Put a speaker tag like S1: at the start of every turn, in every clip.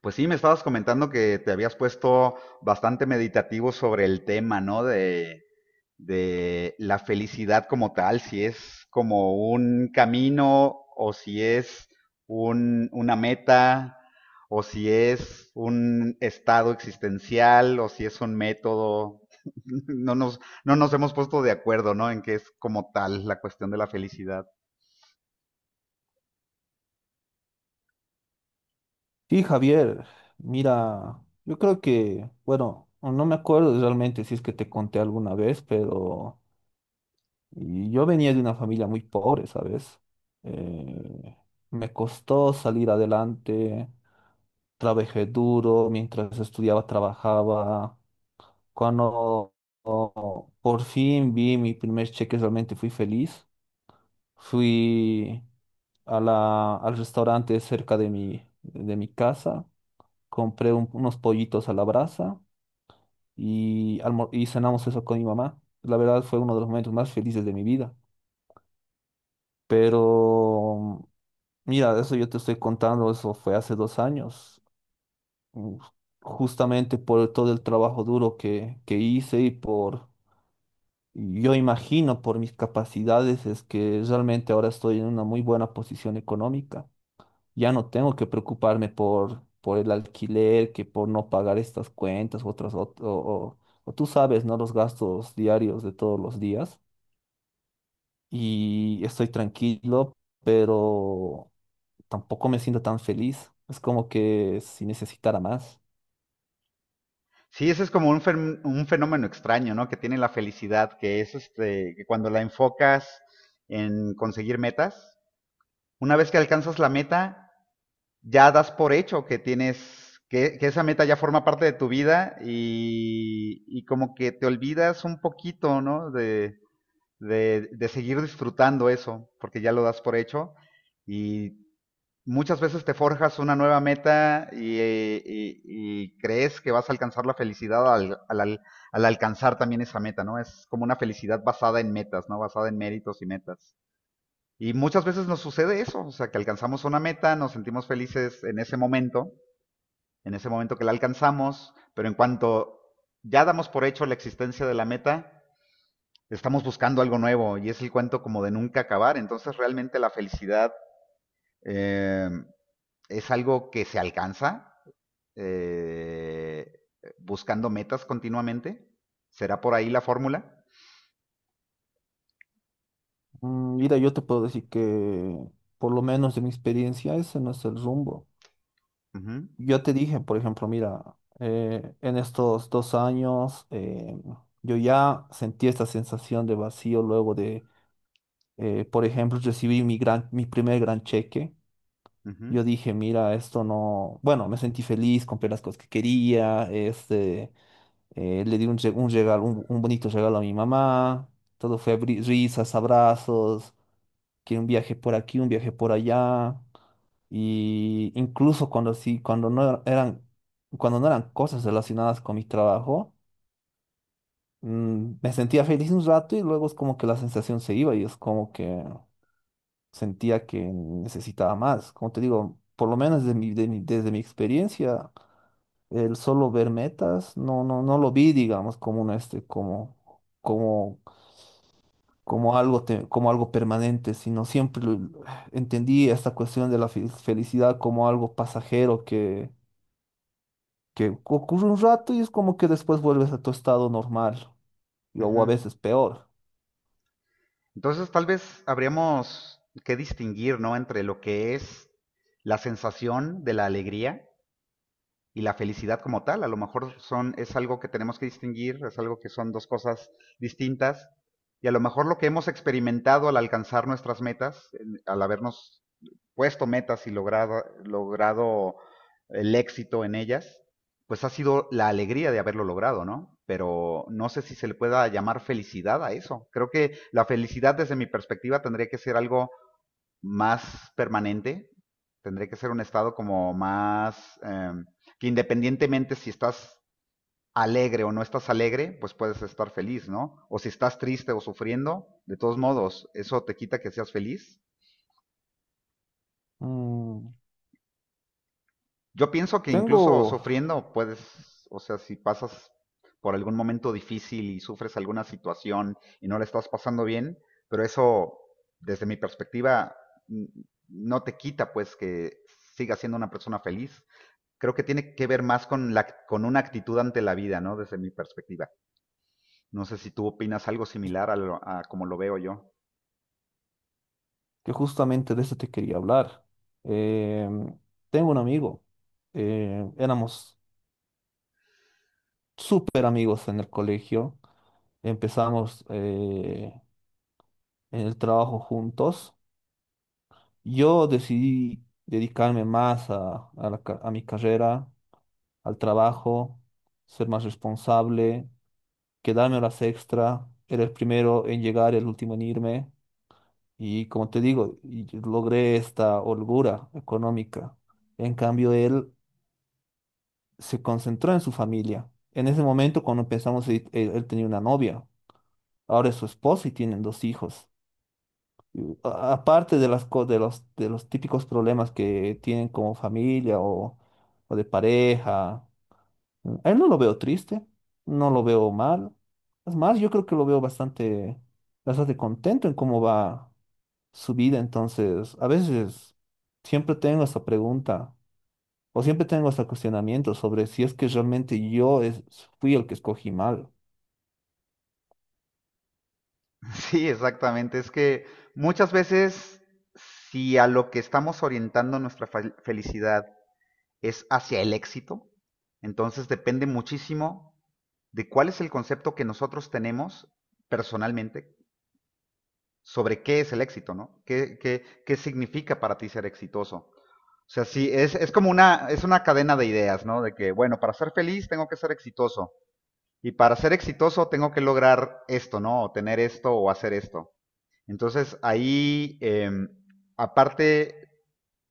S1: Pues sí, me estabas comentando que te habías puesto bastante meditativo sobre el tema, ¿no? De la felicidad como tal, si es como un camino o si es una meta o si es un estado existencial o si es un método. No nos hemos puesto de acuerdo, ¿no? En qué es como tal la cuestión de la felicidad.
S2: Sí, Javier, mira, yo creo que, bueno, no me acuerdo realmente si es que te conté alguna vez, pero yo venía de una familia muy pobre, ¿sabes? Eh, Me costó salir adelante, trabajé duro, mientras estudiaba, trabajaba. Cuando oh, por fin vi mi primer cheque, realmente fui feliz. Fui a al restaurante cerca de mi casa, compré unos pollitos a la brasa y, y cenamos eso con mi mamá. La verdad fue uno de los momentos más felices de mi vida. Pero mira, eso yo te estoy contando, eso fue hace 2 años, Mm, justamente por todo el trabajo duro que hice y por, yo imagino, por mis capacidades, es que realmente ahora estoy en una muy buena posición económica. Ya no tengo que preocuparme por el alquiler, que por no pagar estas cuentas u otras, o tú sabes, ¿no? Los gastos diarios de todos los días. Y estoy tranquilo, pero tampoco me siento tan feliz. Es como que si necesitara más.
S1: Sí, ese es como un, un fenómeno extraño, ¿no? Que tiene la felicidad, que es este, que cuando la enfocas en conseguir metas, una vez que alcanzas la meta, ya das por hecho que tienes, que esa meta ya forma parte de tu vida y como que te olvidas un poquito, ¿no? De seguir disfrutando eso, porque ya lo das por hecho y muchas veces te forjas una nueva meta y, y crees que vas a alcanzar la felicidad al, alcanzar también esa meta, ¿no? Es como una felicidad basada en metas, ¿no? Basada en méritos y metas. Y muchas veces nos sucede eso, o sea, que alcanzamos una meta, nos sentimos felices en ese momento que la alcanzamos, pero en cuanto ya damos por hecho la existencia de la meta, estamos buscando algo nuevo y es el cuento como de nunca acabar. Entonces realmente la felicidad... em, es algo que se alcanza, eh, buscando metas continuamente. ¿Será por ahí la fórmula?
S2: Mm. Mira, yo te puedo decir que, por lo menos de mi experiencia, ese no es el rumbo.
S1: Ujú,
S2: Yo te dije, por ejemplo, mira, en estos 2 años yo ya sentí esta sensación de vacío luego de, por ejemplo, recibí mi mi primer gran cheque.
S1: ujú,
S2: Yo dije, mira, esto no, bueno, me sentí feliz, compré las cosas que quería, este, le di un, un regalo, un bonito regalo a mi mamá, todo fue risas, abrazos, que un viaje por aquí, un viaje por allá. Y incluso cuando sí, cuando no eran cosas relacionadas con mi trabajo, mm, me sentía feliz un rato y luego es como que la sensación se iba y es como que sentía que necesitaba más. Como te digo, por lo menos desde desde mi experiencia, el solo ver metas, no lo vi, digamos, como como, como algo como algo permanente, sino siempre entendí esta cuestión de la felicidad como algo pasajero que ocurre un rato y es como que después vuelves a tu estado normal, o a
S1: ujú.
S2: veces peor.
S1: Entonces tal vez habríamos que distinguir, ¿no? Entre lo que es la sensación de la alegría y la felicidad como tal. A lo mejor son, es algo que tenemos que distinguir, es algo que son dos cosas distintas. Y a lo mejor lo que hemos experimentado al alcanzar nuestras metas, al habernos puesto metas y logrado el éxito en ellas, pues ha sido la alegría de haberlo logrado, ¿no? Pero no sé si se le pueda llamar felicidad a eso. Creo que la felicidad desde mi perspectiva tendría que ser algo más permanente, tendría que ser un estado como más, que independientemente si estás alegre o no estás alegre, pues puedes estar feliz, ¿no? O si estás triste o sufriendo, de todos modos, eso te quita que seas feliz.
S2: Mm,
S1: Yo pienso que incluso
S2: tengo
S1: sufriendo puedes, o sea, si pasas por algún momento difícil y sufres alguna situación y no la estás pasando bien, pero eso, desde mi perspectiva, no te quita pues que sigas siendo una persona feliz. Creo que tiene que ver más con, la, con una actitud ante la vida, ¿no? Desde mi perspectiva. No sé si tú opinas algo similar a, lo, a como lo veo yo.
S2: que Justamente de eso te quería hablar. Em, Tengo un amigo, éramos súper amigos en el colegio, empezamos en el trabajo juntos. Yo decidí dedicarme más a a mi carrera, al trabajo, ser más responsable, quedarme a las extra, era el primero en llegar, el último en irme, y como te digo, y logré esta holgura económica. En cambio, él se concentró en su familia. En ese momento, cuando empezamos, él tenía una novia, ahora es su esposa y tienen 2 hijos. Aparte de las, co- de los típicos problemas que tienen como familia o de pareja, a él no lo veo triste, no lo veo mal. Es más, yo creo que lo veo bastante contento en cómo va su vida. Entonces, a veces siempre tengo esta pregunta o siempre tengo este cuestionamiento sobre si es que realmente fui el que escogí mal.
S1: Sí, exactamente. Es que muchas veces, si a lo que estamos orientando nuestra felicidad es hacia el éxito, entonces depende muchísimo de cuál es el concepto que nosotros tenemos personalmente sobre qué es el éxito, ¿no? ¿Qué significa para ti ser exitoso? O sea, sí, es como una, es una cadena de ideas, ¿no? De que, bueno, para ser feliz tengo que ser exitoso. Y para ser exitoso tengo que lograr esto, ¿no? O tener esto o hacer esto. Entonces ahí, aparte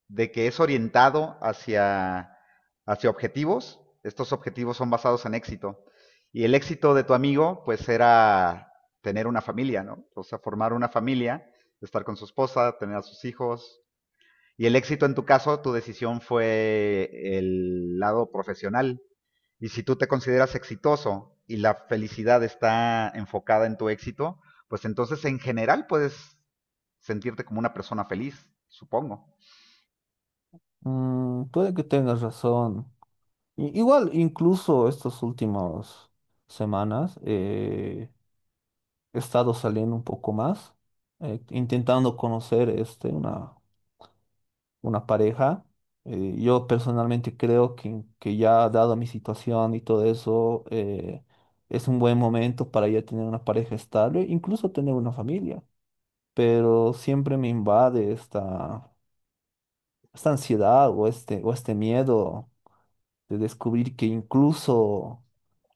S1: de que es orientado hacia objetivos. Estos objetivos son basados en éxito. Y el éxito de tu amigo, pues era tener una familia, ¿no? O sea, formar una familia, estar con su esposa, tener a sus hijos. Y el éxito en tu caso, tu decisión fue el lado profesional. Y si tú te consideras exitoso y la felicidad está enfocada en tu éxito, pues entonces en general puedes sentirte como una persona feliz, supongo.
S2: Mm, puede que tengas razón. Igual, incluso estas últimas semanas he estado saliendo un poco más, intentando conocer este, una pareja. Yo personalmente creo que ya dado mi situación y todo eso, es un buen momento para ya tener una pareja estable, incluso tener una familia. Pero siempre me invade esta ansiedad o este miedo de descubrir que incluso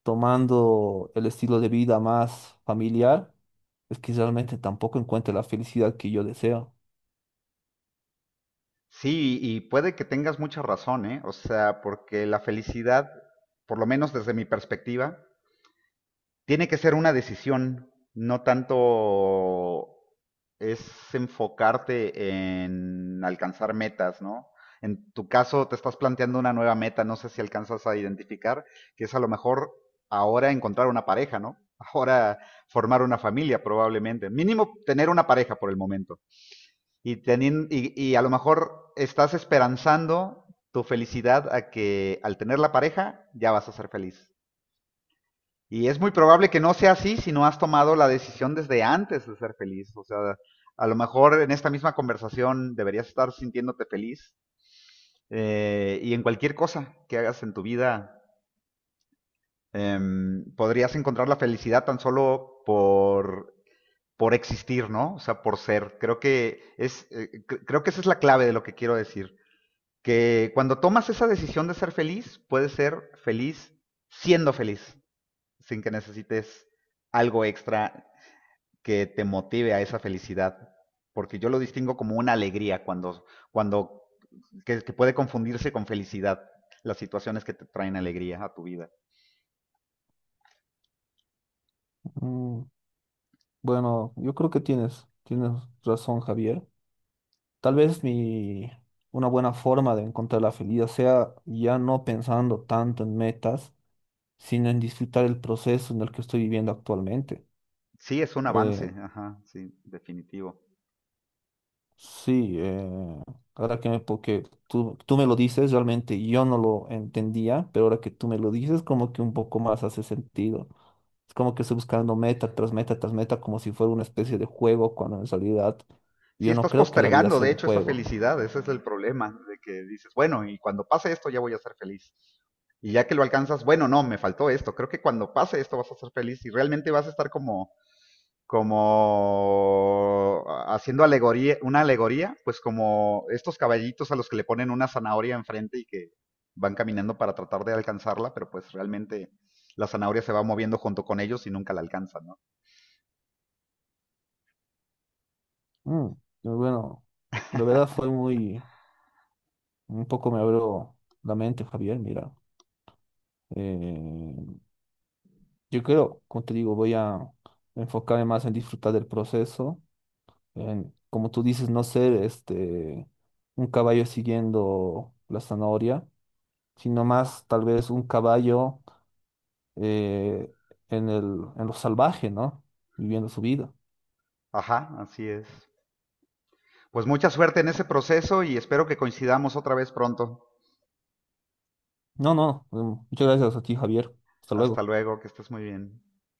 S2: tomando el estilo de vida más familiar, es que realmente tampoco encuentre la felicidad que yo deseo.
S1: Sí, y puede que tengas mucha razón, ¿eh? O sea, porque la felicidad, por lo menos desde mi perspectiva, tiene que ser una decisión, no tanto es enfocarte en alcanzar metas, ¿no? En tu caso, te estás planteando una nueva meta, no sé si alcanzas a identificar, que es a lo mejor ahora encontrar una pareja, ¿no? Ahora formar una familia, probablemente. Mínimo tener una pareja por el momento. Y a lo mejor estás esperanzando tu felicidad a que al tener la pareja ya vas a ser feliz. Y es muy probable que no sea así si no has tomado la decisión desde antes de ser feliz. O sea, a lo mejor en esta misma conversación deberías estar sintiéndote feliz. Y en cualquier cosa que hagas en tu vida, eh, podrías encontrar la felicidad tan solo por existir, ¿no? O sea, por ser. Creo que, es, creo que esa es la clave de lo que quiero decir. Que cuando tomas esa decisión de ser feliz, puedes ser feliz siendo feliz, sin que necesites algo extra que te motive a esa felicidad. Porque yo lo distingo como una alegría cuando que puede confundirse con felicidad las situaciones que te traen alegría a tu vida.
S2: Mm, bueno, yo creo que tienes razón, Javier. Tal vez mi, una buena forma de encontrar la felicidad sea ya no pensando tanto en metas, sino en disfrutar el proceso en el que estoy viviendo actualmente.
S1: Sí, es un avance,
S2: Eh,
S1: ajá, sí, definitivo.
S2: sí, ahora que me, porque tú me lo dices, realmente yo no lo entendía, pero ahora que tú me lo dices, como que un poco más hace sentido. Es como que estoy buscando meta tras meta tras meta, como si fuera una especie de juego, cuando en realidad
S1: Sí,
S2: yo no
S1: estás
S2: creo que la vida
S1: postergando,
S2: sea
S1: de
S2: un
S1: hecho, esa
S2: juego.
S1: felicidad, ese es el problema, de que dices, bueno, y cuando pase esto ya voy a ser feliz. Y ya que lo alcanzas, bueno, no, me faltó esto, creo que cuando pase esto vas a ser feliz y realmente vas a estar como, como haciendo alegoría, una alegoría, pues como estos caballitos a los que le ponen una zanahoria enfrente y que van caminando para tratar de alcanzarla, pero pues realmente la zanahoria se va moviendo junto con ellos y nunca la alcanzan, ¿no?
S2: Mm, bueno, de verdad fue muy... Un poco me abro la mente, Javier, mira. Eh, yo creo, como te digo, voy a enfocarme más en disfrutar del proceso, en, como tú dices, no ser este un caballo siguiendo la zanahoria, sino más tal vez un caballo, eh, en el, en lo salvaje, ¿no? Viviendo su vida.
S1: Ajá, así es. Pues mucha suerte en ese proceso y espero que coincidamos otra vez pronto.
S2: No, no, mm, Muchas gracias a ti, Javier. Hasta
S1: Hasta
S2: luego.
S1: luego, que estés muy bien.